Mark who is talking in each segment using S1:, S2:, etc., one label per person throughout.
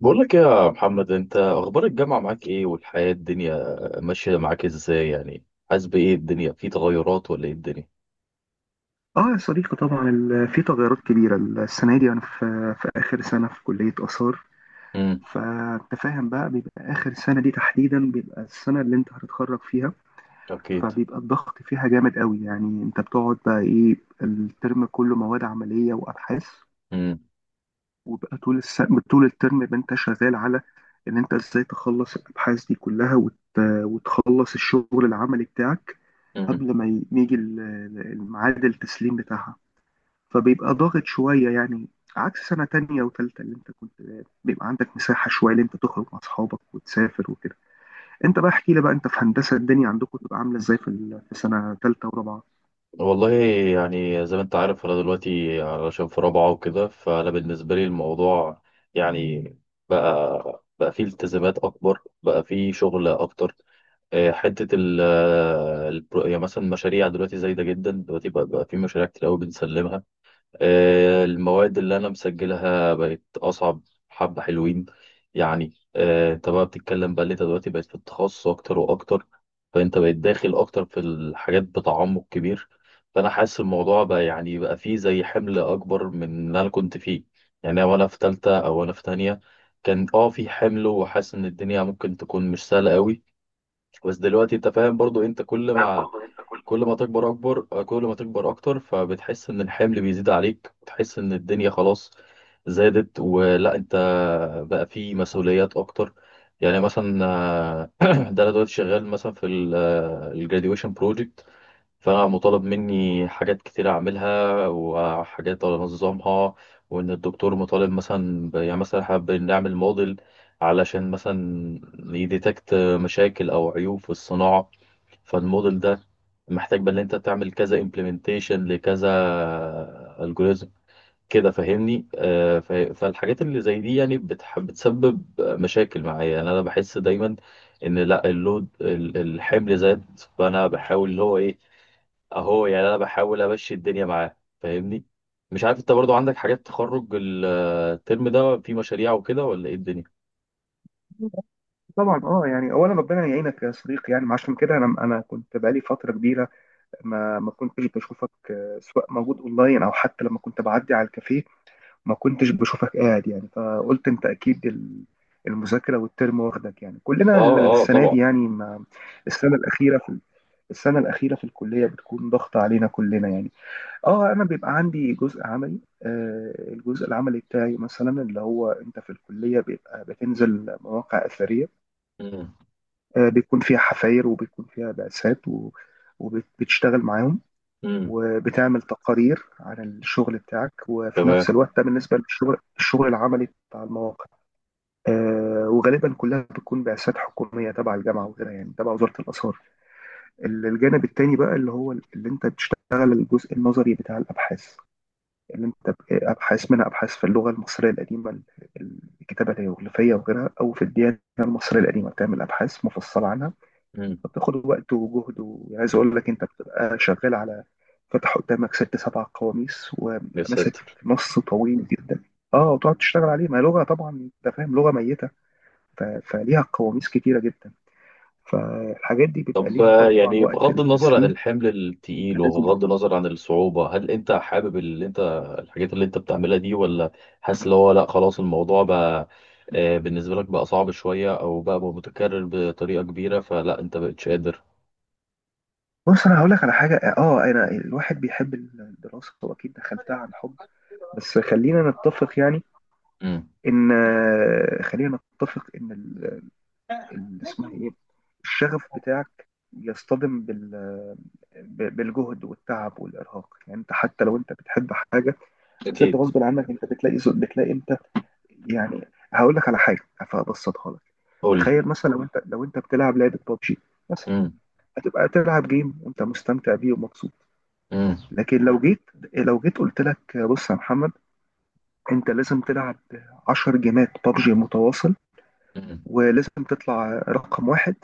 S1: بقول لك إيه يا محمد، انت اخبار الجامعه معاك ايه والحياه الدنيا ماشيه معاك ازاي؟ يعني حاسس بايه؟ الدنيا في تغيرات ولا ايه الدنيا؟
S2: اه يا صديقي، طبعا في تغيرات كبيرة السنة دي. أنا في آخر سنة في كلية آثار.
S1: امم.
S2: فأنت فاهم بقى، بيبقى آخر سنة دي تحديدا بيبقى السنة اللي أنت هتتخرج فيها،
S1: اكيد.
S2: فبيبقى الضغط فيها جامد قوي. يعني أنت بتقعد بقى إيه؟ الترم كله مواد عملية وأبحاث.
S1: امم.
S2: وبقى طول الترم يبقى أنت شغال على إن أنت إزاي تخلص الأبحاث دي كلها وتخلص الشغل العملي بتاعك،
S1: امم.
S2: قبل ما يجي الميعاد التسليم بتاعها. فبيبقى ضاغط شوية يعني، عكس سنة تانية وتالتة اللي انت كنت بيبقى عندك مساحة شوية اللي انت تخرج مع اصحابك وتسافر وكده. انت بقى احكي لي، بقى انت في هندسة الدنيا عندكم تبقى عاملة ازاي في سنة تالتة ورابعة؟
S1: والله، يعني زي ما انت عارف انا دلوقتي علشان في رابعه وكده، فانا بالنسبه لي الموضوع يعني بقى فيه التزامات اكبر، بقى فيه شغل اكتر. اه، حته يعني مثلا مشاريع دلوقتي زايده جدا دلوقتي بقى فيه مشاريع كتير قوي بنسلمها. آه، المواد اللي أنا مسجلها بقت أصعب، حبة حلوين. يعني أنت بقى بتتكلم بقى اللي أنت دلوقتي بقيت في التخصص أكتر وأكتر، فأنت بقيت داخل أكتر في الحاجات بتعمق كبير. فأنا حاسس الموضوع بقى يعني بقى فيه زي حمل أكبر من اللي أنا كنت فيه، يعني وأنا في تالتة أو أنا في تانية كان في حمل، وحاسس إن الدنيا ممكن تكون مش سهلة قوي. بس دلوقتي أنت فاهم برضو، أنت كل
S2: لا
S1: ما
S2: برضه انت كل.
S1: كل ما تكبر اكبر، كل ما تكبر اكتر فبتحس ان الحمل بيزيد عليك، بتحس ان الدنيا خلاص زادت، ولا انت بقى في مسؤوليات اكتر. يعني مثلا ده انا دلوقتي شغال مثلا في الجراديويشن بروجكت. فانا مطالب مني حاجات كتير اعملها وحاجات انظمها، وان الدكتور مطالب مثلا يعني مثلا احنا بنعمل موديل علشان مثلا يديتكت مشاكل او عيوب في الصناعة. فالموديل ده محتاج بقى ان انت تعمل كذا امبلمنتيشن لكذا الجوريزم، كده فاهمني؟ فالحاجات اللي زي دي يعني بتسبب مشاكل معايا. يعني انا بحس دايما ان لا اللود الحمل زاد، فانا بحاول اللي هو ايه اهو، يعني انا بحاول امشي الدنيا معاه، فاهمني؟ مش عارف انت برضو عندك حاجات تخرج الترم ده في مشاريع وكده ولا ايه الدنيا؟
S2: طبعا. اه يعني اولا ربنا يعينك يا صديقي، يعني عشان كده انا كنت بقالي فتره كبيره ما كنتش بشوفك، سواء موجود اونلاين او حتى لما كنت بعدي على الكافيه ما كنتش بشوفك قاعد. يعني فقلت انت اكيد، المذاكره والترم واخدك، يعني
S1: اه
S2: كلنا
S1: اه
S2: السنه
S1: طبعا.
S2: دي يعني، ما السنه الاخيره في السنه الاخيره في الكليه بتكون ضغط علينا كلنا يعني. اه انا بيبقى عندي جزء عملي. الجزء العملي بتاعي مثلا اللي هو انت في الكليه، بيبقى بتنزل مواقع اثريه،
S1: امم.
S2: بيكون فيها حفاير وبيكون فيها بعثات وبتشتغل معاهم،
S1: امم.
S2: وبتعمل تقارير عن الشغل بتاعك. وفي
S1: تمام.
S2: نفس الوقت ده، بالنسبة للشغل، العملي بتاع المواقع، وغالبا كلها بتكون بعثات حكومية تبع الجامعة وكده، يعني تبع وزارة الآثار. الجانب التاني بقى اللي هو اللي انت بتشتغل، الجزء النظري بتاع الأبحاث اللي انت أبحاث، منها أبحاث في اللغة المصرية القديمة، الكتابة الهيروغليفية وغيرها، أو في الديانة المصرية القديمة بتعمل أبحاث مفصلة عنها.
S1: امم.
S2: فبتاخد وقت وجهد، وعايز اقول لك انت بتبقى شغال على فتح قدامك ست سبع قواميس
S1: يا
S2: وماسك
S1: ساتر!
S2: نص طويل جدا. اه وتقعد تشتغل عليه. ما هي لغه طبعا، انت فاهم، لغه ميته فليها قواميس كتيره جدا. فالحاجات دي بيبقى
S1: طب
S2: ليها طبعا
S1: يعني
S2: وقت
S1: بغض النظر عن
S2: للتسليم،
S1: الحمل التقيل
S2: فلازم.
S1: وبغض النظر عن الصعوبة، هل انت حابب اللي انت الحاجات اللي انت بتعملها دي، ولا حاسس اللي هو لا خلاص الموضوع بقى بالنسبة لك بقى صعب شوية او بقى متكرر بطريقة كبيرة، فلا انت بقتش قادر؟
S2: بص انا هقول لك على حاجه. اه انا الواحد بيحب الدراسه، واكيد دخلتها عن حب، بس خلينا نتفق يعني،
S1: امم.
S2: ان خلينا نتفق ان اسمها ايه، الشغف بتاعك يصطدم بالجهد والتعب والارهاق. يعني انت حتى لو انت بتحب حاجه، بس انت
S1: اكيد.
S2: غصب عنك انت بتلاقي انت يعني. هقول لك على حاجه فابسطها لك.
S1: قول لي.
S2: تخيل مثلا لو انت، بتلعب لعبه ببجي مثلا،
S1: امم.
S2: هتبقى تلعب جيم وانت مستمتع بيه ومبسوط.
S1: امم.
S2: لكن لو جيت، قلت لك بص يا محمد، انت لازم تلعب 10 جيمات ببجي متواصل،
S1: امم.
S2: ولازم تطلع رقم واحد،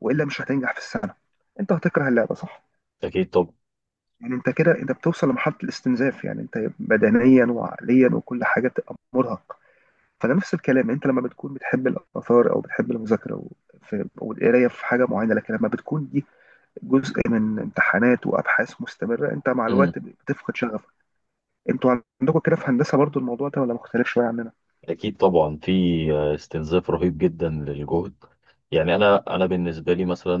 S2: والا مش هتنجح في السنه. انت هتكره اللعبه صح؟
S1: اكيد طب.
S2: يعني انت كده انت بتوصل لمرحله الاستنزاف، يعني انت بدنيا وعقليا وكل حاجه تبقى مرهق. فده نفس الكلام، انت لما بتكون بتحب الاثار او بتحب المذاكره والقرايه في حاجه معينه، لكن لما بتكون دي جزء من امتحانات وابحاث مستمره انت مع الوقت بتفقد شغفك. انتوا عندكم كده في هندسه برضو الموضوع ده ولا مختلف شويه عننا؟
S1: أكيد طبعا، في استنزاف رهيب جدا للجهد. يعني أنا بالنسبة لي مثلا،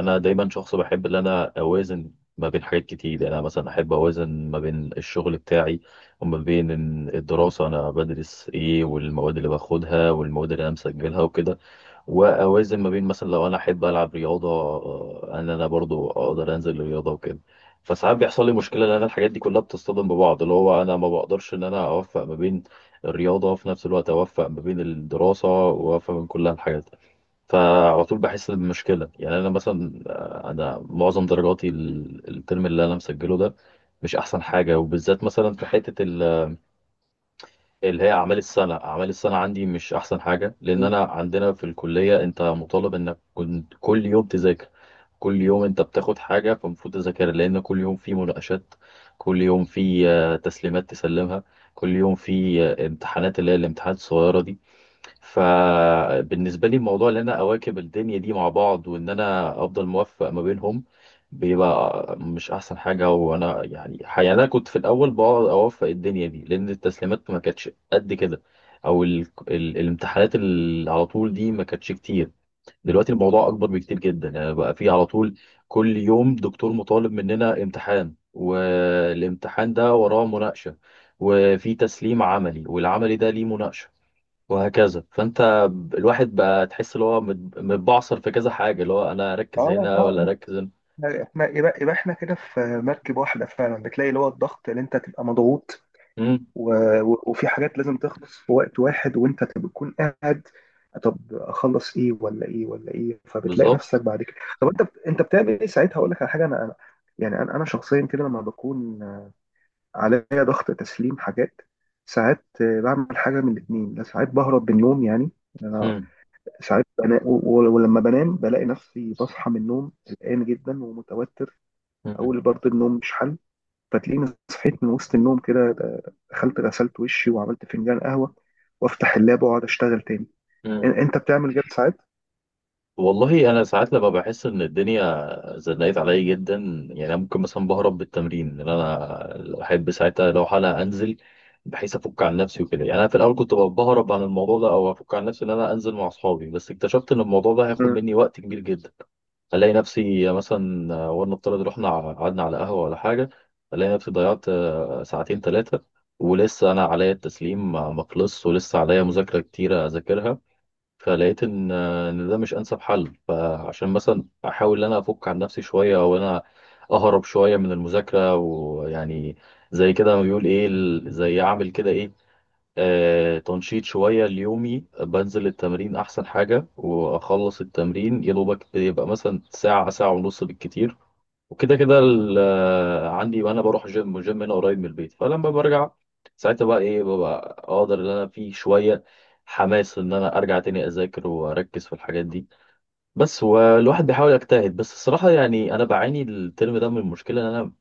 S1: أنا دايما شخص بحب إن أنا أوازن ما بين حاجات كتير. يعني أنا مثلا أحب أوازن ما بين الشغل بتاعي وما بين إن الدراسة أنا بدرس إيه، والمواد اللي باخدها والمواد اللي أنا مسجلها وكده. واوازن ما بين مثلا لو انا احب العب رياضه، ان انا برضو اقدر انزل الرياضه وكده. فساعات بيحصل لي مشكله ان انا الحاجات دي كلها بتصطدم ببعض، اللي هو انا ما بقدرش ان انا اوفق ما بين الرياضه وفي نفس الوقت اوفق ما بين الدراسه، واوفق بين كل الحاجات. فعلى طول بحس بمشكله. يعني انا مثلا انا معظم درجاتي الترم اللي انا مسجله ده مش احسن حاجه، وبالذات مثلا في حته اللي هي اعمال السنه. اعمال السنه عندي مش احسن حاجه، لان انا عندنا في الكليه انت مطالب انك كنت كل يوم تذاكر. كل يوم انت بتاخد حاجه فالمفروض تذاكرها، لان كل يوم في مناقشات، كل يوم في تسليمات تسلمها، كل يوم في امتحانات اللي هي الامتحانات الصغيره دي. فبالنسبة لي الموضوع ان انا اواكب الدنيا دي مع بعض وان انا افضل موفق ما بينهم بيبقى مش احسن حاجة، وانا يعني انا كنت في الاول بقعد اوفق الدنيا دي، لان التسليمات ما كانتش قد كده، او الامتحانات اللي على طول دي ما كانتش كتير. دلوقتي الموضوع اكبر بكتير جدا، يعني بقى في على طول كل يوم دكتور مطالب مننا امتحان، والامتحان ده وراه مناقشة، وفي تسليم عملي، والعملي ده ليه مناقشة، وهكذا. فانت الواحد بقى تحس ان هو متبعصر في كذا حاجه، اللي هو انا اركز
S2: اه
S1: هنا ولا
S2: اه،
S1: اركز هنا.
S2: يبقى احنا كده في مركب واحدة فعلا. بتلاقي اللي هو الضغط اللي انت تبقى مضغوط
S1: امم.
S2: و... وفي حاجات لازم تخلص في وقت واحد وانت تكون قاعد، طب اخلص ايه ولا ايه ولا ايه، فبتلاقي نفسك
S1: بالظبط.
S2: بعد كده. طب انت بتعمل ايه ساعتها؟ اقول لك على حاجة. انا يعني انا شخصيا كده لما بكون عليا ضغط تسليم حاجات، ساعات بعمل حاجة من الاتنين. لا، ساعات بهرب من النوم، يعني أنا
S1: امم.
S2: ساعات ولما بنام بلاقي نفسي بصحى من النوم قلقان جدا ومتوتر،
S1: امم.
S2: اقول برضه النوم مش حل. فتلاقيني صحيت من وسط النوم كده، دخلت غسلت وشي، وعملت فنجان قهوه، وافتح اللاب واقعد اشتغل تاني.
S1: امم.
S2: انت بتعمل كده ساعات؟
S1: والله، انا ساعات لما بحس ان الدنيا زنقت عليا جدا. يعني أنا ممكن مثلا بهرب بالتمرين، ان انا احب ساعتها لو حالة انزل بحيث افك عن نفسي وكده. يعني انا في الاول كنت بهرب عن الموضوع ده او افك عن نفسي ان انا انزل مع اصحابي، بس اكتشفت ان الموضوع ده هياخد
S2: مم.
S1: مني وقت كبير جدا. الاقي نفسي مثلا ولنفترض رحنا قعدنا على قهوه ولا حاجه، الاقي نفسي ضيعت ساعتين ثلاثه، ولسه انا عليا التسليم ما خلصش، ولسه عليا مذاكره كتيره اذاكرها. فلقيت ان ان ده مش انسب حل، فعشان مثلا احاول ان انا افك عن نفسي شويه او انا اهرب شويه من المذاكره، ويعني زي كده ما بيقول ايه زي اعمل كده ايه تنشيط شوية ليومي بنزل التمرين أحسن حاجة. وأخلص التمرين يا دوبك يبقى مثلا ساعة، ساعة ونص بالكتير، وكده كده عندي، وأنا بروح جيم هنا قريب من البيت. فلما برجع ساعتها بقى إيه، ببقى أقدر إن أنا في شوية حماس إن أنا أرجع تاني أذاكر وأركز في الحاجات دي. بس والواحد بيحاول يجتهد، بس الصراحة يعني أنا بعاني الترم ده من المشكلة إن أنا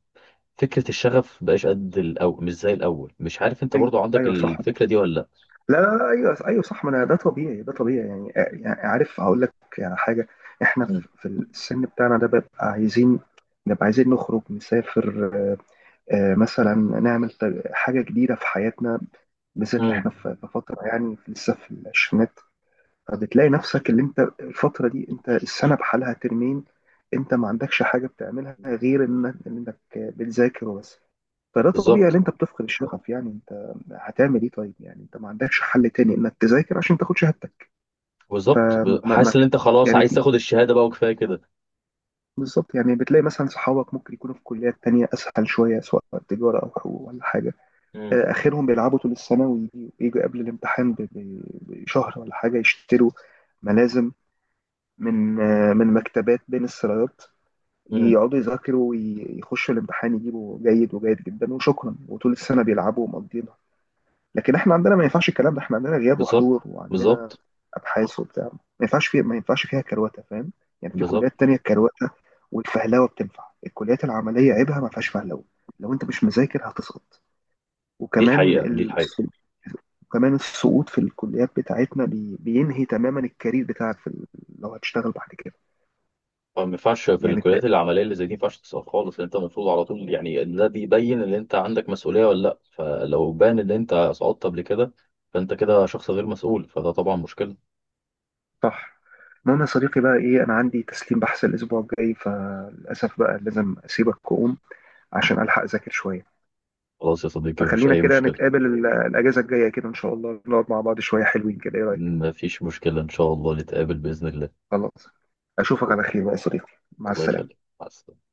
S1: فكرة الشغف مبقاش قد الأول، مش زي الأول، مش عارف أنت
S2: ايوه،
S1: برضو عندك
S2: ايوه صح.
S1: الفكرة دي ولا؟
S2: لا، لا، لا، ايوه، ايوه صح. ما انا، ده طبيعي، ده طبيعي يعني، عارف هقول لك يعني حاجه. احنا
S1: لأ.
S2: في السن بتاعنا ده بيبقى عايزين نبقى عايزين نخرج نسافر، مثلا نعمل حاجه جديده في حياتنا، بالذات اللي
S1: امم.
S2: احنا في فتره يعني لسه في العشرينات. فبتلاقي نفسك اللي انت الفترة دي انت السنة بحالها ترمين، انت ما عندكش حاجة بتعملها غير انك بتذاكر وبس. فده طبيعي ان
S1: بالظبط.
S2: انت بتفقد الشغف. يعني انت هتعمل ايه طيب، يعني انت ما عندكش حل تاني انك تذاكر عشان تاخد شهادتك.
S1: بالظبط،
S2: فما ما
S1: حاسس ان انت خلاص
S2: يعني
S1: عايز
S2: في.
S1: تاخد الشهاده بقى وكفايه كده.
S2: بالظبط، يعني بتلاقي مثلا صحابك ممكن يكونوا في كليات تانية اسهل شوية، سواء تجارة او حقوق ولا حاجة،
S1: امم.
S2: اخرهم بيلعبوا طول السنة، يجوا قبل الامتحان بشهر ولا حاجة، يشتروا ملازم من مكتبات بين السرايات،
S1: امم.
S2: يقعدوا يذاكروا ويخشوا الامتحان، يجيبوا جيد وجيد جدا وشكرا، وطول السنة بيلعبوا ومقضينها. لكن احنا عندنا ما ينفعش الكلام ده، احنا عندنا غياب
S1: بالظبط.
S2: وحضور، وعندنا
S1: بالظبط.
S2: ابحاث وبتاع ما ينفعش فيها كرواتة، فاهم؟ يعني في
S1: بالظبط.
S2: كليات تانية الكرواتة والفهلوة بتنفع، الكليات العملية عيبها ما فيهاش فهلوة. لو انت مش مذاكر هتسقط.
S1: دي
S2: وكمان
S1: الحقيقه، دي
S2: ال...
S1: الحقيقه.
S2: وكمان السقوط في الكليات بتاعتنا بينهي تماما الكارير بتاعك لو هتشتغل بعد كده،
S1: ما ينفعش في
S2: يعني.
S1: الكليات العمليه اللي زي دي، ما ينفعش تسقط خالص، انت المفروض على طول يعني إن ده بيبين ان انت عندك مسؤوليه ولا لا، فلو بان ان انت سقطت قبل كده فانت كده شخص غير مسؤول، فده طبعا مشكله.
S2: صح. المهم يا صديقي بقى ايه، انا عندي تسليم بحث الاسبوع الجاي، فللاسف بقى لازم اسيبك واقوم عشان الحق اذاكر شويه.
S1: خلاص يا صديقي، مفيش
S2: فخلينا
S1: اي
S2: كده
S1: مشكله.
S2: نتقابل الاجازه الجايه كده، ان شاء الله نقعد مع بعض شويه حلوين كده، ايه رايك؟
S1: مفيش مشكله، ان شاء الله نتقابل باذن الله.
S2: خلاص، اشوفك على خير بقى يا صديقي، مع
S1: الله
S2: السلامه.
S1: يخليك، مع السلامه.